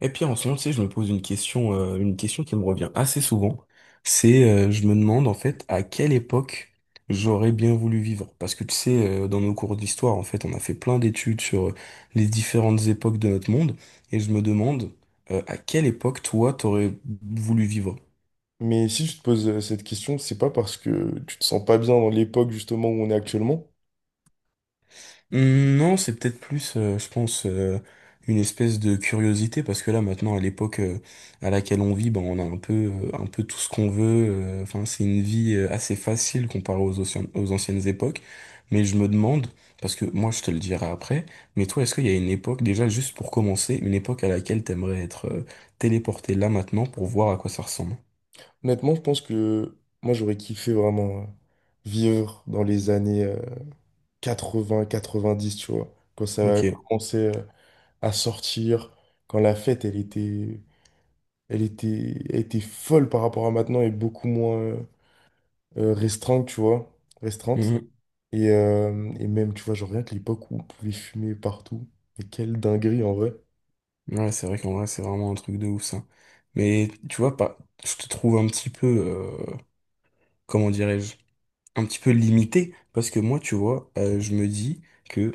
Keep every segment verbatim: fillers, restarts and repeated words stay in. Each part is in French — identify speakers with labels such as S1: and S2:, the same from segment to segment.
S1: Et puis en ce moment, tu sais, je me pose une question, euh, une question qui me revient assez souvent. C'est, euh, je me demande en fait à quelle époque j'aurais bien voulu vivre. Parce que tu sais, euh, dans nos cours d'histoire, en fait, on a fait plein d'études sur euh, les différentes époques de notre monde. Et je me demande, euh, à quelle époque toi, t'aurais voulu vivre?
S2: Mais si tu te poses euh, cette question, c'est pas parce que tu te sens pas bien dans l'époque justement où on est actuellement.
S1: Hum, Non, c'est peut-être plus, euh, je pense, euh, une espèce de curiosité, parce que là, maintenant, à l'époque euh, à laquelle on vit, ben, on a un peu, euh, un peu tout ce qu'on veut. euh, Enfin, c'est une vie euh, assez facile comparée aux, anciens- aux anciennes époques. Mais je me demande, parce que moi, je te le dirai après, mais toi, est-ce qu'il y a une époque, déjà, juste pour commencer, une époque à laquelle t'aimerais être euh, téléporté là maintenant pour voir à quoi ça ressemble?
S2: Honnêtement, je pense que moi j'aurais kiffé vraiment euh, vivre dans les années euh, quatre-vingts, quatre-vingt-dix, tu vois, quand ça a
S1: OK.
S2: commencé euh, à sortir, quand la fête elle était, elle était, elle était folle par rapport à maintenant et beaucoup moins euh, euh, restreinte, tu vois, restreinte.
S1: Mhm.
S2: Et, euh, et même, tu vois, genre rien que l'époque où on pouvait fumer partout. Mais quelle dinguerie en vrai.
S1: Ouais, c'est vrai qu'en vrai, c'est vraiment un truc de ouf, ça. Mais tu vois, pas, je te trouve un petit peu, euh, comment dirais-je, un petit peu limité, parce que moi, tu vois, euh, je me dis que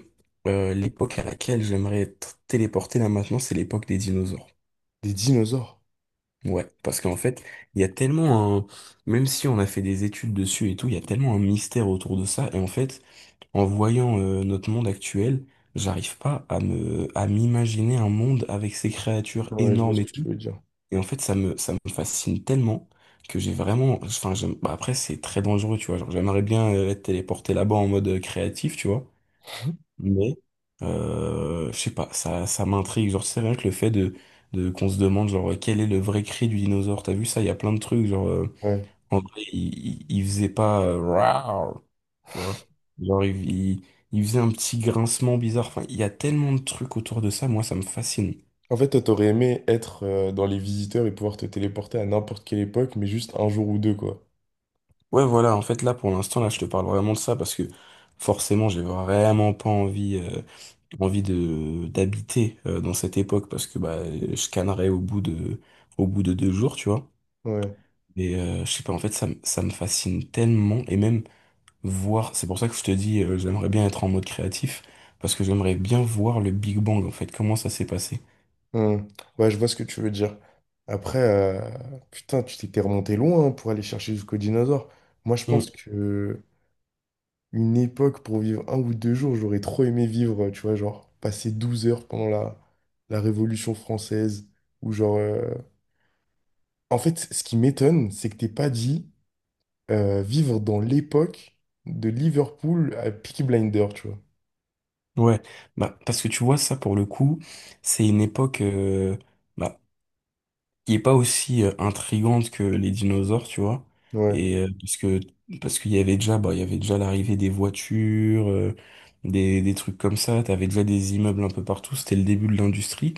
S1: euh, l'époque à laquelle j'aimerais être téléporté là maintenant, c'est l'époque des dinosaures.
S2: Des dinosaures.
S1: Ouais, parce qu'en fait, il y a tellement un... même si on a fait des études dessus et tout, il y a tellement un mystère autour de ça, et en fait, en voyant euh, notre monde actuel, j'arrive pas à me... à m'imaginer un monde avec ces créatures
S2: Ouais, je vois ce
S1: énormes et
S2: que tu
S1: tout.
S2: veux dire.
S1: Et en fait, ça me, ça me fascine tellement que j'ai vraiment. Enfin, j'aime- bah, après, c'est très dangereux, tu vois. Genre, j'aimerais bien euh, être téléporté là-bas en mode euh, créatif, tu vois. Mais, euh, je sais pas, ça, ça m'intrigue. Genre, c'est rien que le fait de, de qu'on se demande, genre, euh, quel est le vrai cri du dinosaure. T'as vu ça? Il y a plein de trucs. Genre, euh,
S2: Ouais.
S1: en vrai, il, il, il faisait pas, euh, Rawr, tu vois. Genre, il, il, il faisait un petit grincement bizarre. Enfin, il y a tellement de trucs autour de ça. Moi, ça me fascine.
S2: En fait, toi, t'aurais aimé être euh, dans les visiteurs et pouvoir te téléporter à n'importe quelle époque, mais juste un jour ou deux, quoi.
S1: Ouais, voilà, en fait, là, pour l'instant, là, je te parle vraiment de ça parce que forcément, j'ai vraiment pas envie, euh, envie de, d'habiter euh, dans cette époque parce que bah, je cannerais au bout de, au bout de deux jours, tu vois.
S2: Ouais.
S1: Et euh, je sais pas, en fait, ça, me- ça me fascine tellement et même voir, c'est pour ça que je te dis, euh, j'aimerais bien être en mode créatif parce que j'aimerais bien voir le Big Bang, en fait, comment ça s'est passé.
S2: Hmm. Ouais, je vois ce que tu veux dire. Après, euh, putain, tu t'étais remonté loin hein, pour aller chercher jusqu'au dinosaure. Moi, je pense
S1: Mm.
S2: que une époque pour vivre un ou deux jours, j'aurais trop aimé vivre, euh, tu vois, genre passer douze heures pendant la, la Révolution française. ou genre... euh, En fait, ce qui m'étonne, c'est que t'es pas dit, euh, vivre dans l'époque de Liverpool à Peaky Blinder, tu vois.
S1: Ouais, bah, parce que tu vois, ça, pour le coup, c'est une époque, euh, bah, qui est pas aussi euh, intrigante que les dinosaures, tu vois.
S2: Ouais.
S1: Et euh, parce que parce qu'il y avait déjà bah il y avait déjà l'arrivée des voitures, euh, des des trucs comme ça, t'avais déjà des immeubles un peu partout, c'était le début de l'industrie.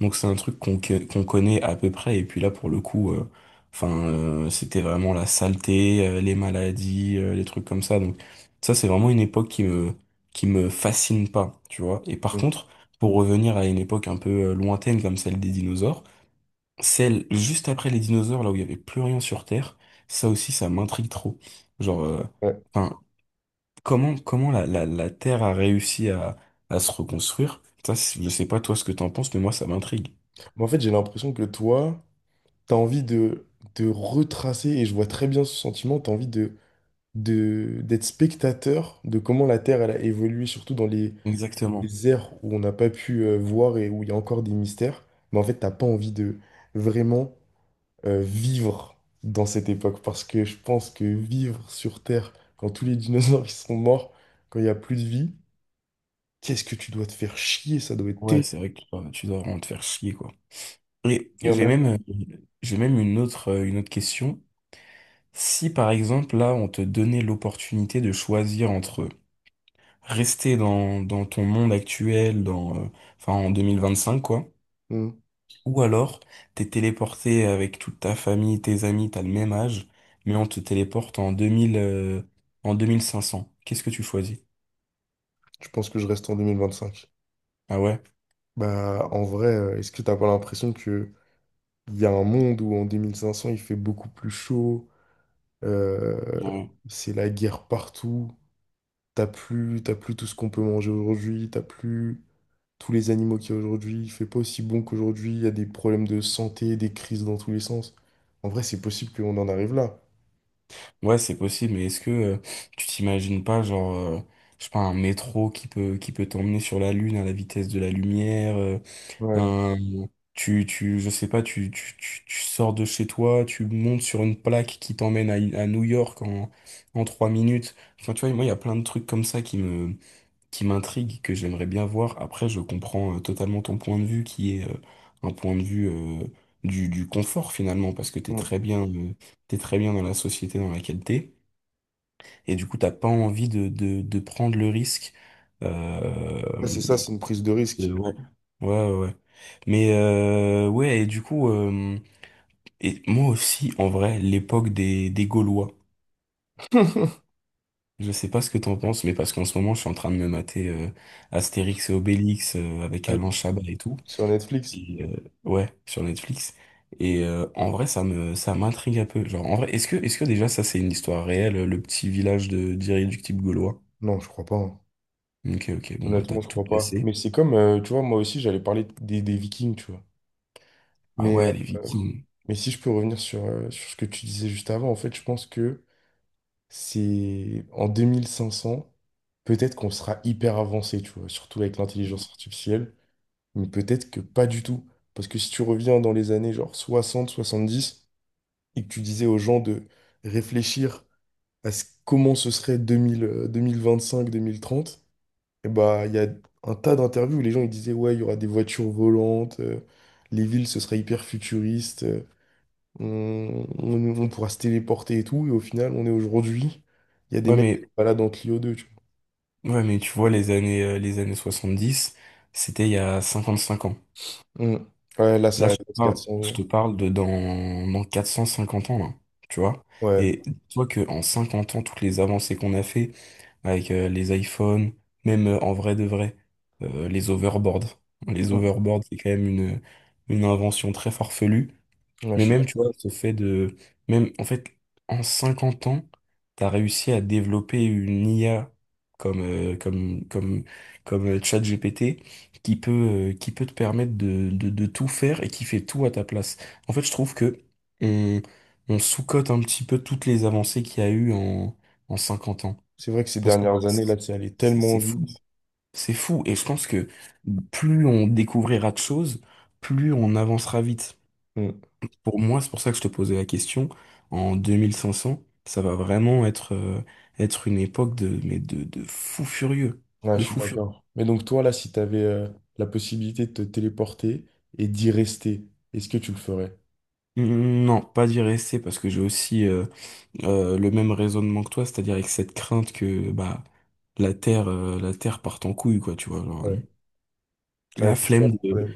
S1: Donc c'est un truc qu'on que- qu'on connaît à peu près et puis là pour le coup euh, enfin, euh, c'était vraiment la saleté, euh, les maladies, euh, les trucs comme ça. Donc ça c'est vraiment une époque qui me qui me fascine pas, tu vois. Et par
S2: Mm.
S1: contre, pour revenir à une époque un peu euh, lointaine comme celle des dinosaures, celle juste après les dinosaures, là où il y avait plus rien sur Terre, ça aussi, ça m'intrigue trop. Genre, euh,
S2: Ouais.
S1: enfin, comment, comment la, la, la Terre a réussi à, à se reconstruire? Ça, c'est- je sais pas toi ce que t'en penses, mais moi, ça m'intrigue.
S2: Mais en fait, j'ai l'impression que toi, t'as envie de, de retracer, et je vois très bien ce sentiment, t'as envie de, de, d'être spectateur de comment la Terre elle a évolué, surtout dans les,
S1: Exactement.
S2: les ères où on n'a pas pu euh, voir et où il y a encore des mystères. Mais en fait, t'as pas envie de vraiment euh, vivre dans cette époque, parce que je pense que vivre sur Terre, quand tous les dinosaures ils sont morts, quand il n'y a plus de vie, qu'est-ce que tu dois te faire chier, ça doit être
S1: Ouais, c'est
S2: terrible.
S1: vrai que tu dois, tu dois vraiment te faire chier, quoi. Et
S2: Il y en
S1: j'ai
S2: a.
S1: même, euh, j'ai même une autre, euh, une autre question. Si, par exemple, là, on te donnait l'opportunité de choisir entre rester dans, dans ton monde actuel, dans, euh, enfin, en deux mille vingt-cinq, quoi.
S2: Hmm.
S1: Ou alors, t'es téléporté avec toute ta famille, tes amis, t'as le même âge, mais on te téléporte en deux mille, euh, en deux mille cinq cents. Qu'est-ce que tu choisis?
S2: Je pense que je reste en deux mille vingt-cinq.
S1: Ah ouais?
S2: Bah, en vrai, euh, est-ce que t'as pas l'impression que il y a un monde où en deux mille cinq cents il fait beaucoup plus chaud, euh,
S1: Non.
S2: c'est la guerre partout, t'as plus, t'as plus tout ce qu'on peut manger aujourd'hui, t'as plus tous les animaux qu'il y a aujourd'hui, il fait pas aussi bon qu'aujourd'hui, il y a des problèmes de santé, des crises dans tous les sens. En vrai, c'est possible qu'on en arrive là.
S1: Ouais, c'est possible, mais est-ce que euh, tu t'imagines pas, genre, euh, je sais pas, un métro qui peut, qui peut t'emmener sur la Lune à la vitesse de la lumière, euh,
S2: Ouais.
S1: un, tu, tu, je sais pas, tu, tu, tu, tu sors de chez toi, tu montes sur une plaque qui t'emmène à, à New York en, en trois minutes. Enfin, tu vois, moi, il y a plein de trucs comme ça qui me, qui m'intrigue, que j'aimerais bien voir. Après, je comprends euh, totalement ton point de vue, qui est euh, un point de vue euh, du, du confort finalement, parce que t'es
S2: Hmm.
S1: très bien, euh, t'es très bien dans la société dans laquelle t'es, et du coup, t'as pas envie de, de, de prendre le risque. Euh,
S2: Ouais, c'est ça, c'est une prise de
S1: de-
S2: risque.
S1: ouais, ouais, ouais, ouais. Mais euh, ouais, et du coup, euh, et moi aussi, en vrai, l'époque des, des Gaulois. Je sais pas ce que t'en penses, mais parce qu'en ce moment, je suis en train de me mater euh, Astérix et Obélix euh, avec
S2: Ouais,
S1: Alain Chabat et tout.
S2: sur Netflix.
S1: Et, euh, ouais, sur Netflix. Et euh, en vrai, ça me, ça m'intrigue un peu. Genre, en vrai, est-ce que, est-ce que déjà ça c'est une histoire réelle, le petit village de d'irréductibles gaulois?
S2: Non, je crois pas, hein.
S1: OK, ok, bon, bah, t'as
S2: Honnêtement, je
S1: tout
S2: crois pas. Mais
S1: placé.
S2: c'est comme, euh, tu vois, moi aussi, j'allais parler des, des Vikings, tu vois.
S1: Ah
S2: Mais,
S1: ouais, les
S2: euh,
S1: Vikings.
S2: mais si je peux revenir sur, euh, sur ce que tu disais juste avant, en fait, je pense que c'est en deux mille cinq cents, peut-être qu'on sera hyper avancé, tu vois, surtout avec l'intelligence artificielle, mais peut-être que pas du tout. Parce que si tu reviens dans les années genre soixante, soixante-dix, et que tu disais aux gens de réfléchir à ce- comment ce serait deux mille, euh, deux mille vingt-cinq, deux mille trente. Et bah, il y a un tas d'interviews où les gens ils disaient, ouais, il y aura des voitures volantes, euh, les villes, ce sera hyper futuriste, euh, on, on- on pourra se téléporter et tout. Et au final, on est aujourd'hui, il y a des
S1: Ouais,
S2: mecs qui se
S1: mais,
S2: baladent en Clio deux, tu
S1: ouais, mais tu vois, les années, euh, les années soixante dix c'était il y a cinquante cinq ans.
S2: vois. Mm. Ouais, là, ça
S1: Là, je te
S2: reste
S1: parle,
S2: 400
S1: je
S2: euros.
S1: te parle de dans, dans quatre cent cinquante ans, là. Tu vois?
S2: Ouais.
S1: Et dis-toi que en cinquante ans, toutes les avancées qu'on a fait, avec euh, les iPhones, même euh, en vrai de vrai, euh, les overboards. Les
S2: Mm.
S1: overboards, c'est quand même une, une invention très farfelue.
S2: Ouais, je
S1: Mais
S2: suis
S1: même, tu vois,
S2: d'accord.
S1: ce fait de... même, en fait, en cinquante ans, t'as réussi à développer une I A comme, euh, comme, comme, comme euh, ChatGPT qui peut, euh, qui peut te permettre de, de, de tout faire et qui fait tout à ta place. En fait, je trouve que on, on sous-cote un petit peu toutes les avancées qu'il y a eu en, en cinquante ans.
S2: C'est vrai que ces
S1: Parce que
S2: dernières années, là, c'est allé
S1: c'est
S2: tellement
S1: c'est fou.
S2: vite.
S1: C'est fou. Et je pense que plus on découvrira de choses, plus on avancera vite.
S2: Mm.
S1: Pour moi, c'est pour ça que je te posais la question. En deux mille cinq cents ça va vraiment être, euh, être une époque de, mais de, de fou furieux.
S2: Ouais,
S1: De
S2: je suis
S1: fou furieux.
S2: d'accord. Mais donc, toi, là, si tu avais la possibilité de te téléporter et d'y rester, est-ce que tu le ferais?
S1: Mm, non, pas d'y rester parce que j'ai aussi euh, euh, le même raisonnement que toi, c'est-à-dire avec cette crainte que bah la Terre, euh, la Terre parte en couille, quoi, tu vois. Genre,
S2: Ouais. Ouais,
S1: la
S2: c'est ça
S1: flemme
S2: le
S1: de.
S2: problème.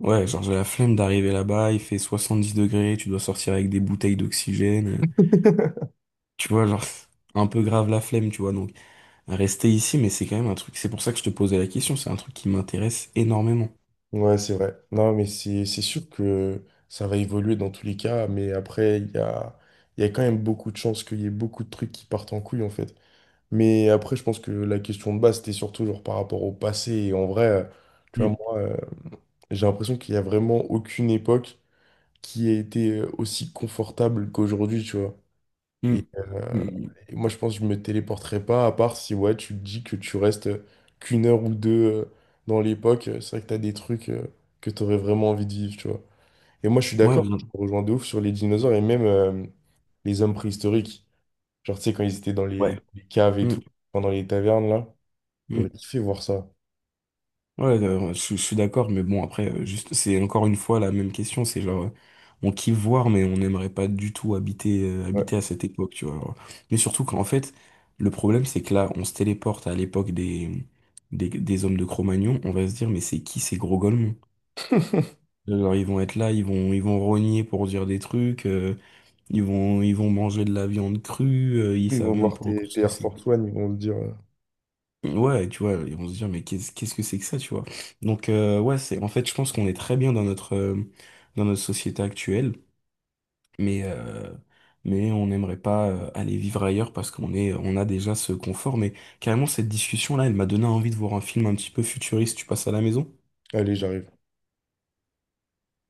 S1: Ouais, genre j'ai la flemme d'arriver là-bas, il fait soixante-dix degrés, tu dois sortir avec des bouteilles d'oxygène. euh, Tu vois, genre, c'est un peu grave la flemme, tu vois. Donc, rester ici, mais c'est quand même un truc, c'est pour ça que je te posais la question, c'est un truc qui m'intéresse énormément.
S2: Ouais, c'est vrai. Non, mais c'est c'est sûr que ça va évoluer dans tous les cas, mais après, il y a, il y a quand même beaucoup de chances qu'il y ait beaucoup de trucs qui partent en couille, en fait. Mais après, je pense que la question de base, c'était surtout genre par rapport au passé. Et en vrai, euh, tu vois,
S1: Mm,
S2: moi, euh, j'ai l'impression qu'il n'y a vraiment aucune époque qui a été euh, aussi confortable qu'aujourd'hui, tu vois. Et,
S1: mm, mm,
S2: euh,
S1: mm.
S2: et moi, je pense que je me téléporterai pas, à part si ouais, tu te dis que tu restes qu'une heure ou deux euh, dans l'époque. euh, C'est vrai que tu as des trucs euh, que tu aurais vraiment envie de vivre, tu vois. Et moi, je suis
S1: Ouais,
S2: d'accord,
S1: vraiment.
S2: je te rejoins de ouf sur les dinosaures et même euh, les hommes préhistoriques. Genre, tu sais, quand ils étaient dans les,
S1: Ouais.
S2: les caves et tout,
S1: Mm,
S2: pendant les tavernes, là, j'aurais
S1: mm.
S2: kiffé voir ça.
S1: Ouais, euh, ouais, je, je suis d'accord, mais bon, après, euh, juste, c'est encore une fois la même question, c'est genre, euh, on kiffe voir, mais on n'aimerait pas du tout habiter, euh, habiter
S2: Ouais.
S1: à cette époque, tu vois. Alors. Mais surtout qu'en fait, le problème, c'est que là, on se téléporte à l'époque des, des, des hommes de Cro-Magnon, on va se dire, mais c'est qui ces gros golemons? Alors, ils vont être là, ils vont, ils vont rogner pour dire des trucs, euh, ils vont, ils vont manger de la viande crue, euh, ils
S2: Ils
S1: savent
S2: vont
S1: même
S2: voir
S1: pas encore
S2: tes,
S1: ce
S2: tes
S1: que
S2: Air
S1: c'est.
S2: Force One, ils vont se dire, euh,
S1: Ouais, tu vois, ils vont se dire mais qu'est-ce qu'est-ce que c'est que ça, tu vois? Donc, euh, ouais, c'est, en fait, je pense qu'on est très bien dans notre, euh, dans notre société actuelle, mais, euh, mais on n'aimerait pas euh, aller vivre ailleurs parce qu'on est, on a déjà ce confort. Mais carrément, cette discussion-là, elle m'a donné envie de voir un film un petit peu futuriste. Tu passes à la maison?
S2: allez, j'arrive.